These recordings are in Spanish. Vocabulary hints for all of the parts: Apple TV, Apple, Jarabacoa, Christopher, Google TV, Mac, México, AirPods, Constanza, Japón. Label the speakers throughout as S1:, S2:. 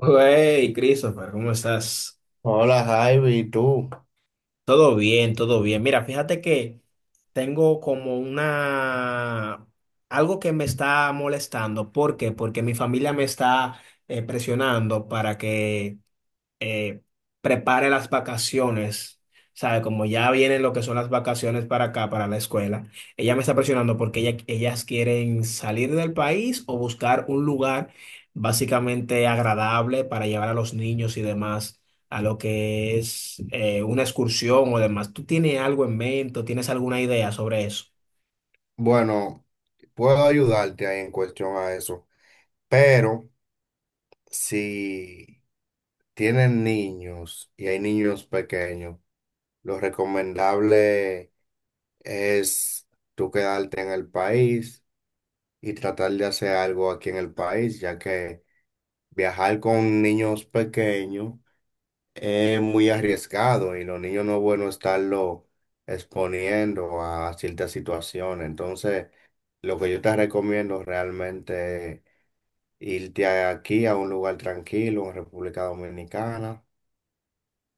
S1: Hey, Christopher, ¿cómo estás?
S2: Hola, Javi, ¿y tú?
S1: Todo bien, todo bien. Mira, fíjate que tengo como algo que me está molestando. ¿Por qué? Porque mi familia me está presionando para que eh, prepare las vacaciones, ¿sabe? Como ya vienen lo que son las vacaciones para acá, para la escuela, ella me está presionando porque ellas quieren salir del país o buscar un lugar básicamente agradable para llevar a los niños y demás a lo que es una excursión o demás. ¿Tú tienes algo en mente o tienes alguna idea sobre eso?
S2: Bueno, puedo ayudarte ahí en cuestión a eso, pero si tienen niños y hay niños pequeños, lo recomendable es tú quedarte en el país y tratar de hacer algo aquí en el país, ya que viajar con niños pequeños es muy arriesgado y los niños no es bueno estarlo exponiendo a ciertas situaciones. Entonces, lo que yo te recomiendo realmente es irte aquí a un lugar tranquilo en República Dominicana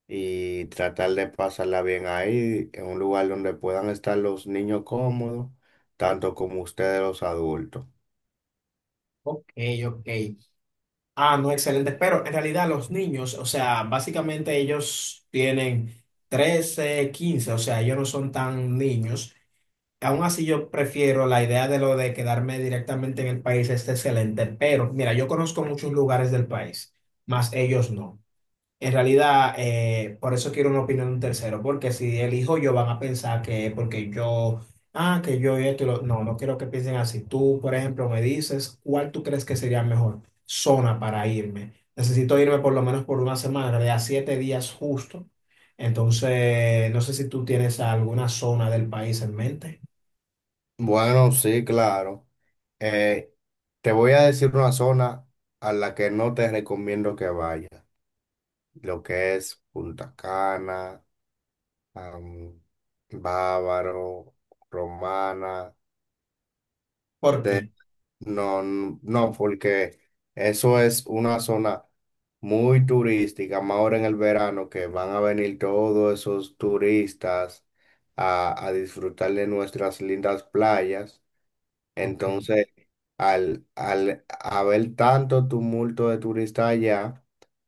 S2: y tratar de pasarla bien ahí, en un lugar donde puedan estar los niños cómodos, tanto como ustedes los adultos.
S1: Ok, ok. Ah, no, excelente. Pero en realidad los niños, o sea, básicamente ellos tienen 13, 15, o sea, ellos no son tan niños. Aún así yo prefiero la idea de lo de quedarme directamente en el país, es excelente. Pero mira, yo conozco muchos lugares del país, más ellos no. En realidad, por eso quiero una opinión de un tercero, porque si elijo yo van a pensar que porque yo, ah, que yo esto, no, no quiero que piensen así. Tú, por ejemplo, me dices cuál tú crees que sería mejor zona para irme. Necesito irme por lo menos por una semana, en realidad 7 días justo. Entonces, no sé si tú tienes alguna zona del país en mente.
S2: Bueno, sí, claro. Eh, Te voy a decir una zona a la que no te recomiendo que vayas. Lo que es Punta Cana, am, Bávaro, Romana.
S1: ¿Por
S2: te-
S1: qué?
S2: no, no, porque eso es una zona muy turística, más ahora en el verano que van a venir todos esos turistas a disfrutar de nuestras lindas playas.
S1: Ok.
S2: Entonces, al haber tanto tumulto de turistas allá,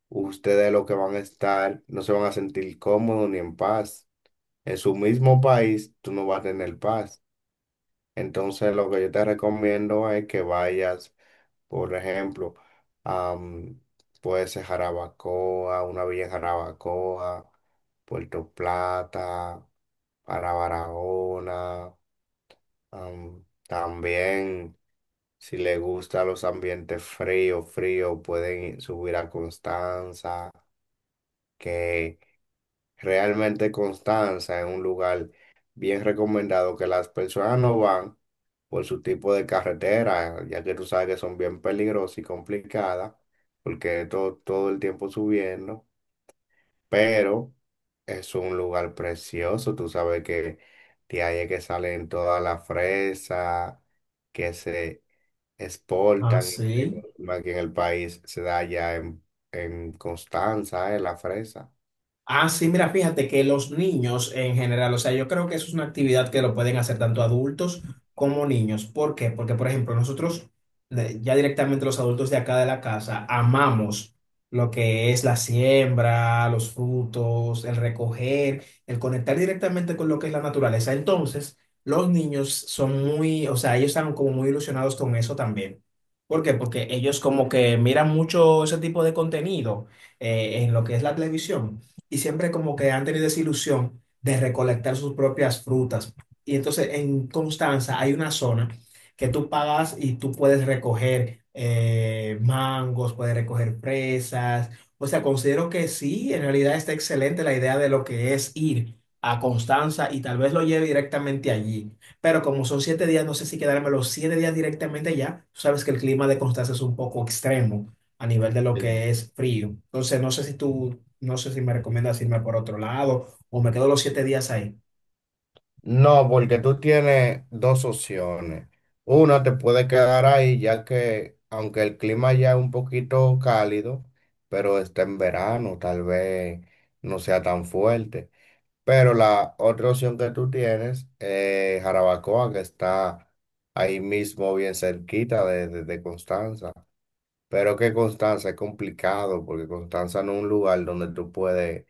S2: ustedes lo que van a estar, no se van a sentir cómodos ni en paz en su mismo país, tú no vas a tener paz. Entonces, lo que yo te recomiendo es que vayas, por ejemplo, a, mm, puede ser Jarabacoa, una villa en Jarabacoa, Puerto Plata, para Barahona, también. Si le gustan los ambientes fríos, fríos, pueden subir a Constanza, que realmente Constanza es un lugar bien recomendado que las personas no van por su tipo de carretera, ya que tú sabes que son bien peligrosas y complicadas, porque es todo, todo el tiempo subiendo, pero es un lugar precioso. Tú sabes que de ahí es que salen todas las fresas que se
S1: Ah,
S2: exportan y se
S1: sí.
S2: consumen aquí en el país, se da ya en Constanza, la fresa.
S1: Ah, sí, mira, fíjate que los niños en general, o sea, yo creo que eso es una actividad que lo pueden hacer tanto adultos como niños. ¿Por qué? Porque, por ejemplo, nosotros, ya directamente los adultos de acá de la casa, amamos lo que es la siembra, los frutos, el recoger, el conectar directamente con lo que es la naturaleza. Entonces, los niños son muy, o sea, ellos están como muy ilusionados con eso también. ¿Por qué? Porque ellos como que miran mucho ese tipo de contenido en lo que es la televisión y siempre como que han tenido esa ilusión de recolectar sus propias frutas. Y entonces en Constanza hay una zona que tú pagas y tú puedes recoger mangos, puedes recoger fresas. O sea, considero que sí, en realidad está excelente la idea de lo que es ir a Constanza y tal vez lo lleve directamente allí. Pero como son 7 días, no sé si quedarme los 7 días directamente allá. Tú sabes que el clima de Constanza es un poco extremo a nivel de lo que es frío. Entonces, no sé si tú no sé si me recomiendas irme por otro lado o me quedo los 7 días ahí.
S2: No, porque tú tienes dos opciones. Una, te puede quedar ahí, ya que aunque el clima ya es un poquito cálido, pero está en verano, tal vez no sea tan fuerte. Pero la otra opción que tú tienes es Jarabacoa, que está ahí mismo bien cerquita de, de Constanza. Pero que Constanza es complicado, porque Constanza no es un lugar donde tú puedes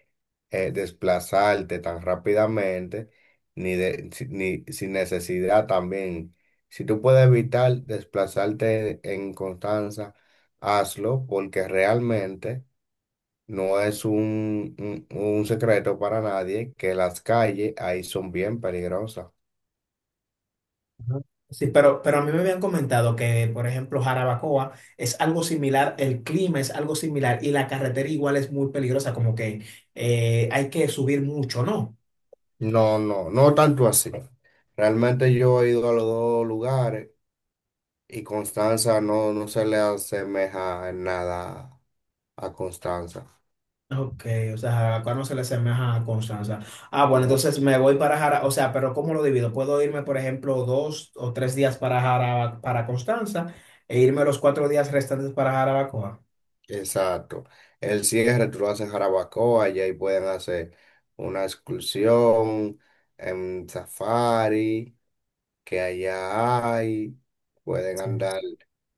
S2: desplazarte tan rápidamente, ni sin necesidad también. Si tú puedes evitar desplazarte en Constanza, hazlo, porque realmente no es un secreto para nadie que las calles ahí son bien peligrosas.
S1: Ajá. Sí, pero a mí me habían comentado que, por ejemplo, Jarabacoa es algo similar, el clima es algo similar y la carretera igual es muy peligrosa, como que hay que subir mucho, ¿no?
S2: No, no, no tanto así. Realmente yo he ido a los dos lugares. Y Constanza no, no se le asemeja en nada a Constanza.
S1: Ok, o sea, Jarabacoa no se le asemeja a Constanza. Ah, bueno,
S2: No.
S1: entonces me voy para Jarabacoa, o sea, pero ¿cómo lo divido? Puedo irme, por ejemplo, 2 o 3 días para para Constanza e irme los 4 días restantes para Jarabacoa.
S2: Exacto. El cierre tú lo haces en Jarabacoa y ahí pueden hacer una excursión en safari que allá hay. Pueden
S1: Sí.
S2: andar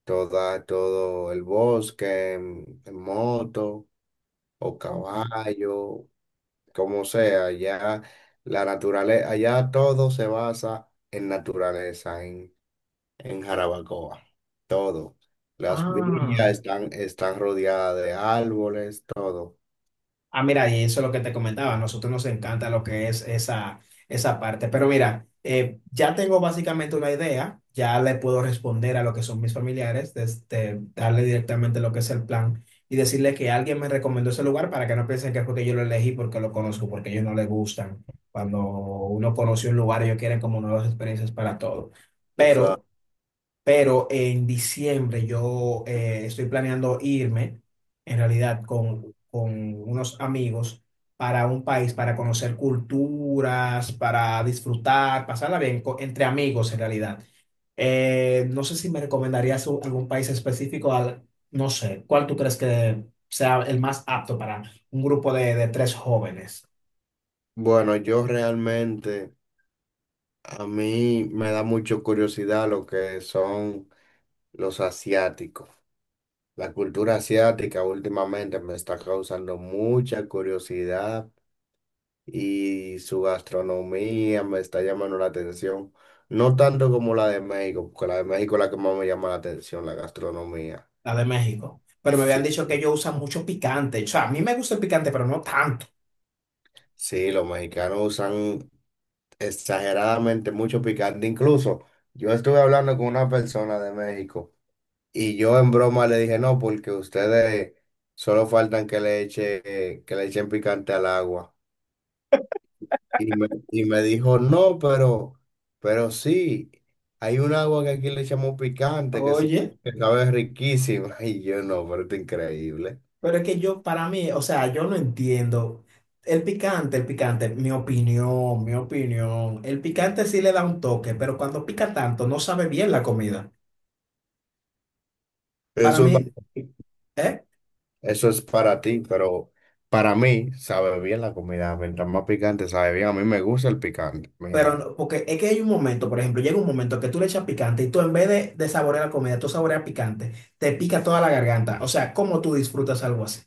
S2: toda, todo el bosque en moto o
S1: Ok.
S2: caballo, como sea. Allá la naturaleza, allá todo se basa en naturaleza, en Jarabacoa. Todo. Las villas
S1: Ah.
S2: están, están rodeadas de árboles, todo.
S1: Ah, mira, y eso es lo que te comentaba, a nosotros nos encanta lo que es esa parte, pero mira, ya tengo básicamente una idea, ya le puedo responder a lo que son mis familiares, desde, darle directamente lo que es el plan y decirle que alguien me recomendó ese lugar para que no piensen que fue que yo lo elegí porque lo conozco, porque a ellos no les gustan. Cuando uno conoce un lugar, ellos quieren como nuevas experiencias para todo,
S2: Esa-
S1: pero... Pero en diciembre yo estoy planeando irme, en realidad, con unos amigos para un país, para conocer culturas, para disfrutar, pasarla bien entre amigos, en realidad. No sé si me recomendarías algún país específico, al, no sé, ¿cuál tú crees que sea el más apto para un grupo de tres jóvenes,
S2: Bueno, yo realmente, a mí me da mucho curiosidad lo que son los asiáticos. La cultura asiática últimamente me está causando mucha curiosidad y su gastronomía me está llamando la atención. No tanto como la de México, porque la de México es la que más me llama la atención, la gastronomía.
S1: la de México? Pero me habían
S2: Sí.
S1: dicho que ellos usan mucho picante. O sea, a mí me gusta el picante, pero no tanto.
S2: Sí, los mexicanos usan exageradamente mucho picante. Incluso yo estuve hablando con una persona de México y yo en broma le dije, no, porque ustedes solo faltan que le eche, que le echen picante al agua. Y me dijo, no, pero sí, hay un agua que aquí le echamos picante, que sí,
S1: Oye.
S2: que sabe riquísima. Y yo no, pero esto es increíble.
S1: Pero es que yo, para mí, o sea, yo no entiendo. El picante, mi opinión, mi opinión. El picante sí le da un toque, pero cuando pica tanto no sabe bien la comida. Para
S2: Eso es para...
S1: mí, ¿eh?
S2: Eso es para ti, pero para mí sabe bien la comida. Mientras más picante sabe bien. A mí me gusta el picante.
S1: Pero,
S2: Mira,
S1: no- porque es que hay un momento, por ejemplo, llega un momento que tú le echas picante y tú en vez de saborear la comida, tú saboreas picante, te pica toda la garganta. O sea, ¿cómo tú disfrutas algo así?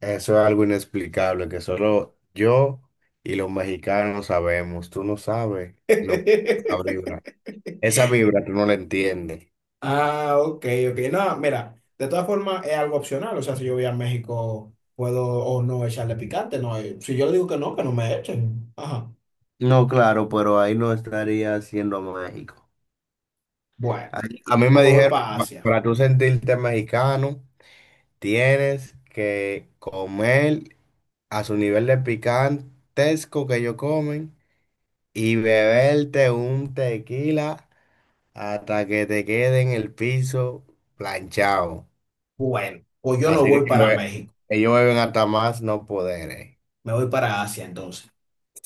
S2: eso es algo inexplicable que solo yo y los mexicanos sabemos. Tú no sabes lo, la vibra. Esa vibra tú no la entiendes.
S1: Ah, ok, ok. No, mira, de todas formas es algo opcional. O sea, si yo voy a México, puedo o no echarle picante. No, eh, si yo le digo que no me echen. Ajá.
S2: No, claro, pero ahí no estaría siendo México.
S1: Bueno,
S2: A, a mí me
S1: pues me voy
S2: dijeron,
S1: para Asia.
S2: Para tú sentirte mexicano, tienes que comer a su nivel de picantesco que ellos comen. Y beberte un tequila hasta que te quede en el piso planchado.
S1: Bueno, pues yo no
S2: Así que
S1: voy
S2: ellos
S1: para México.
S2: ellos beben hasta más no poder.
S1: Me voy para Asia entonces.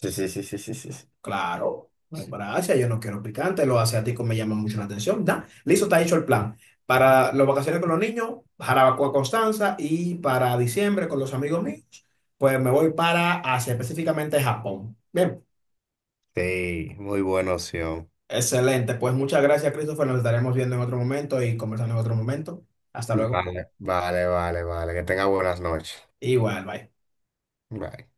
S2: Sí, sí, sí, sí, sí, sí, sí.
S1: Claro, me voy para Asia. Yo no quiero picante. Los asiáticos me llaman mucho la atención. Da, listo, está hecho el plan. Para las vacaciones con los niños, Jarabacoa, Constanza. Y para diciembre con los amigos míos, pues me voy para Asia, específicamente Japón. Bien.
S2: Sí, muy buena opción.
S1: Excelente, pues muchas gracias, Christopher. Nos estaremos viendo en otro momento y conversando en otro momento. Hasta luego.
S2: Vale, vale, vale, vale. Que tenga buenas noches.
S1: Igual, bye.
S2: Bye.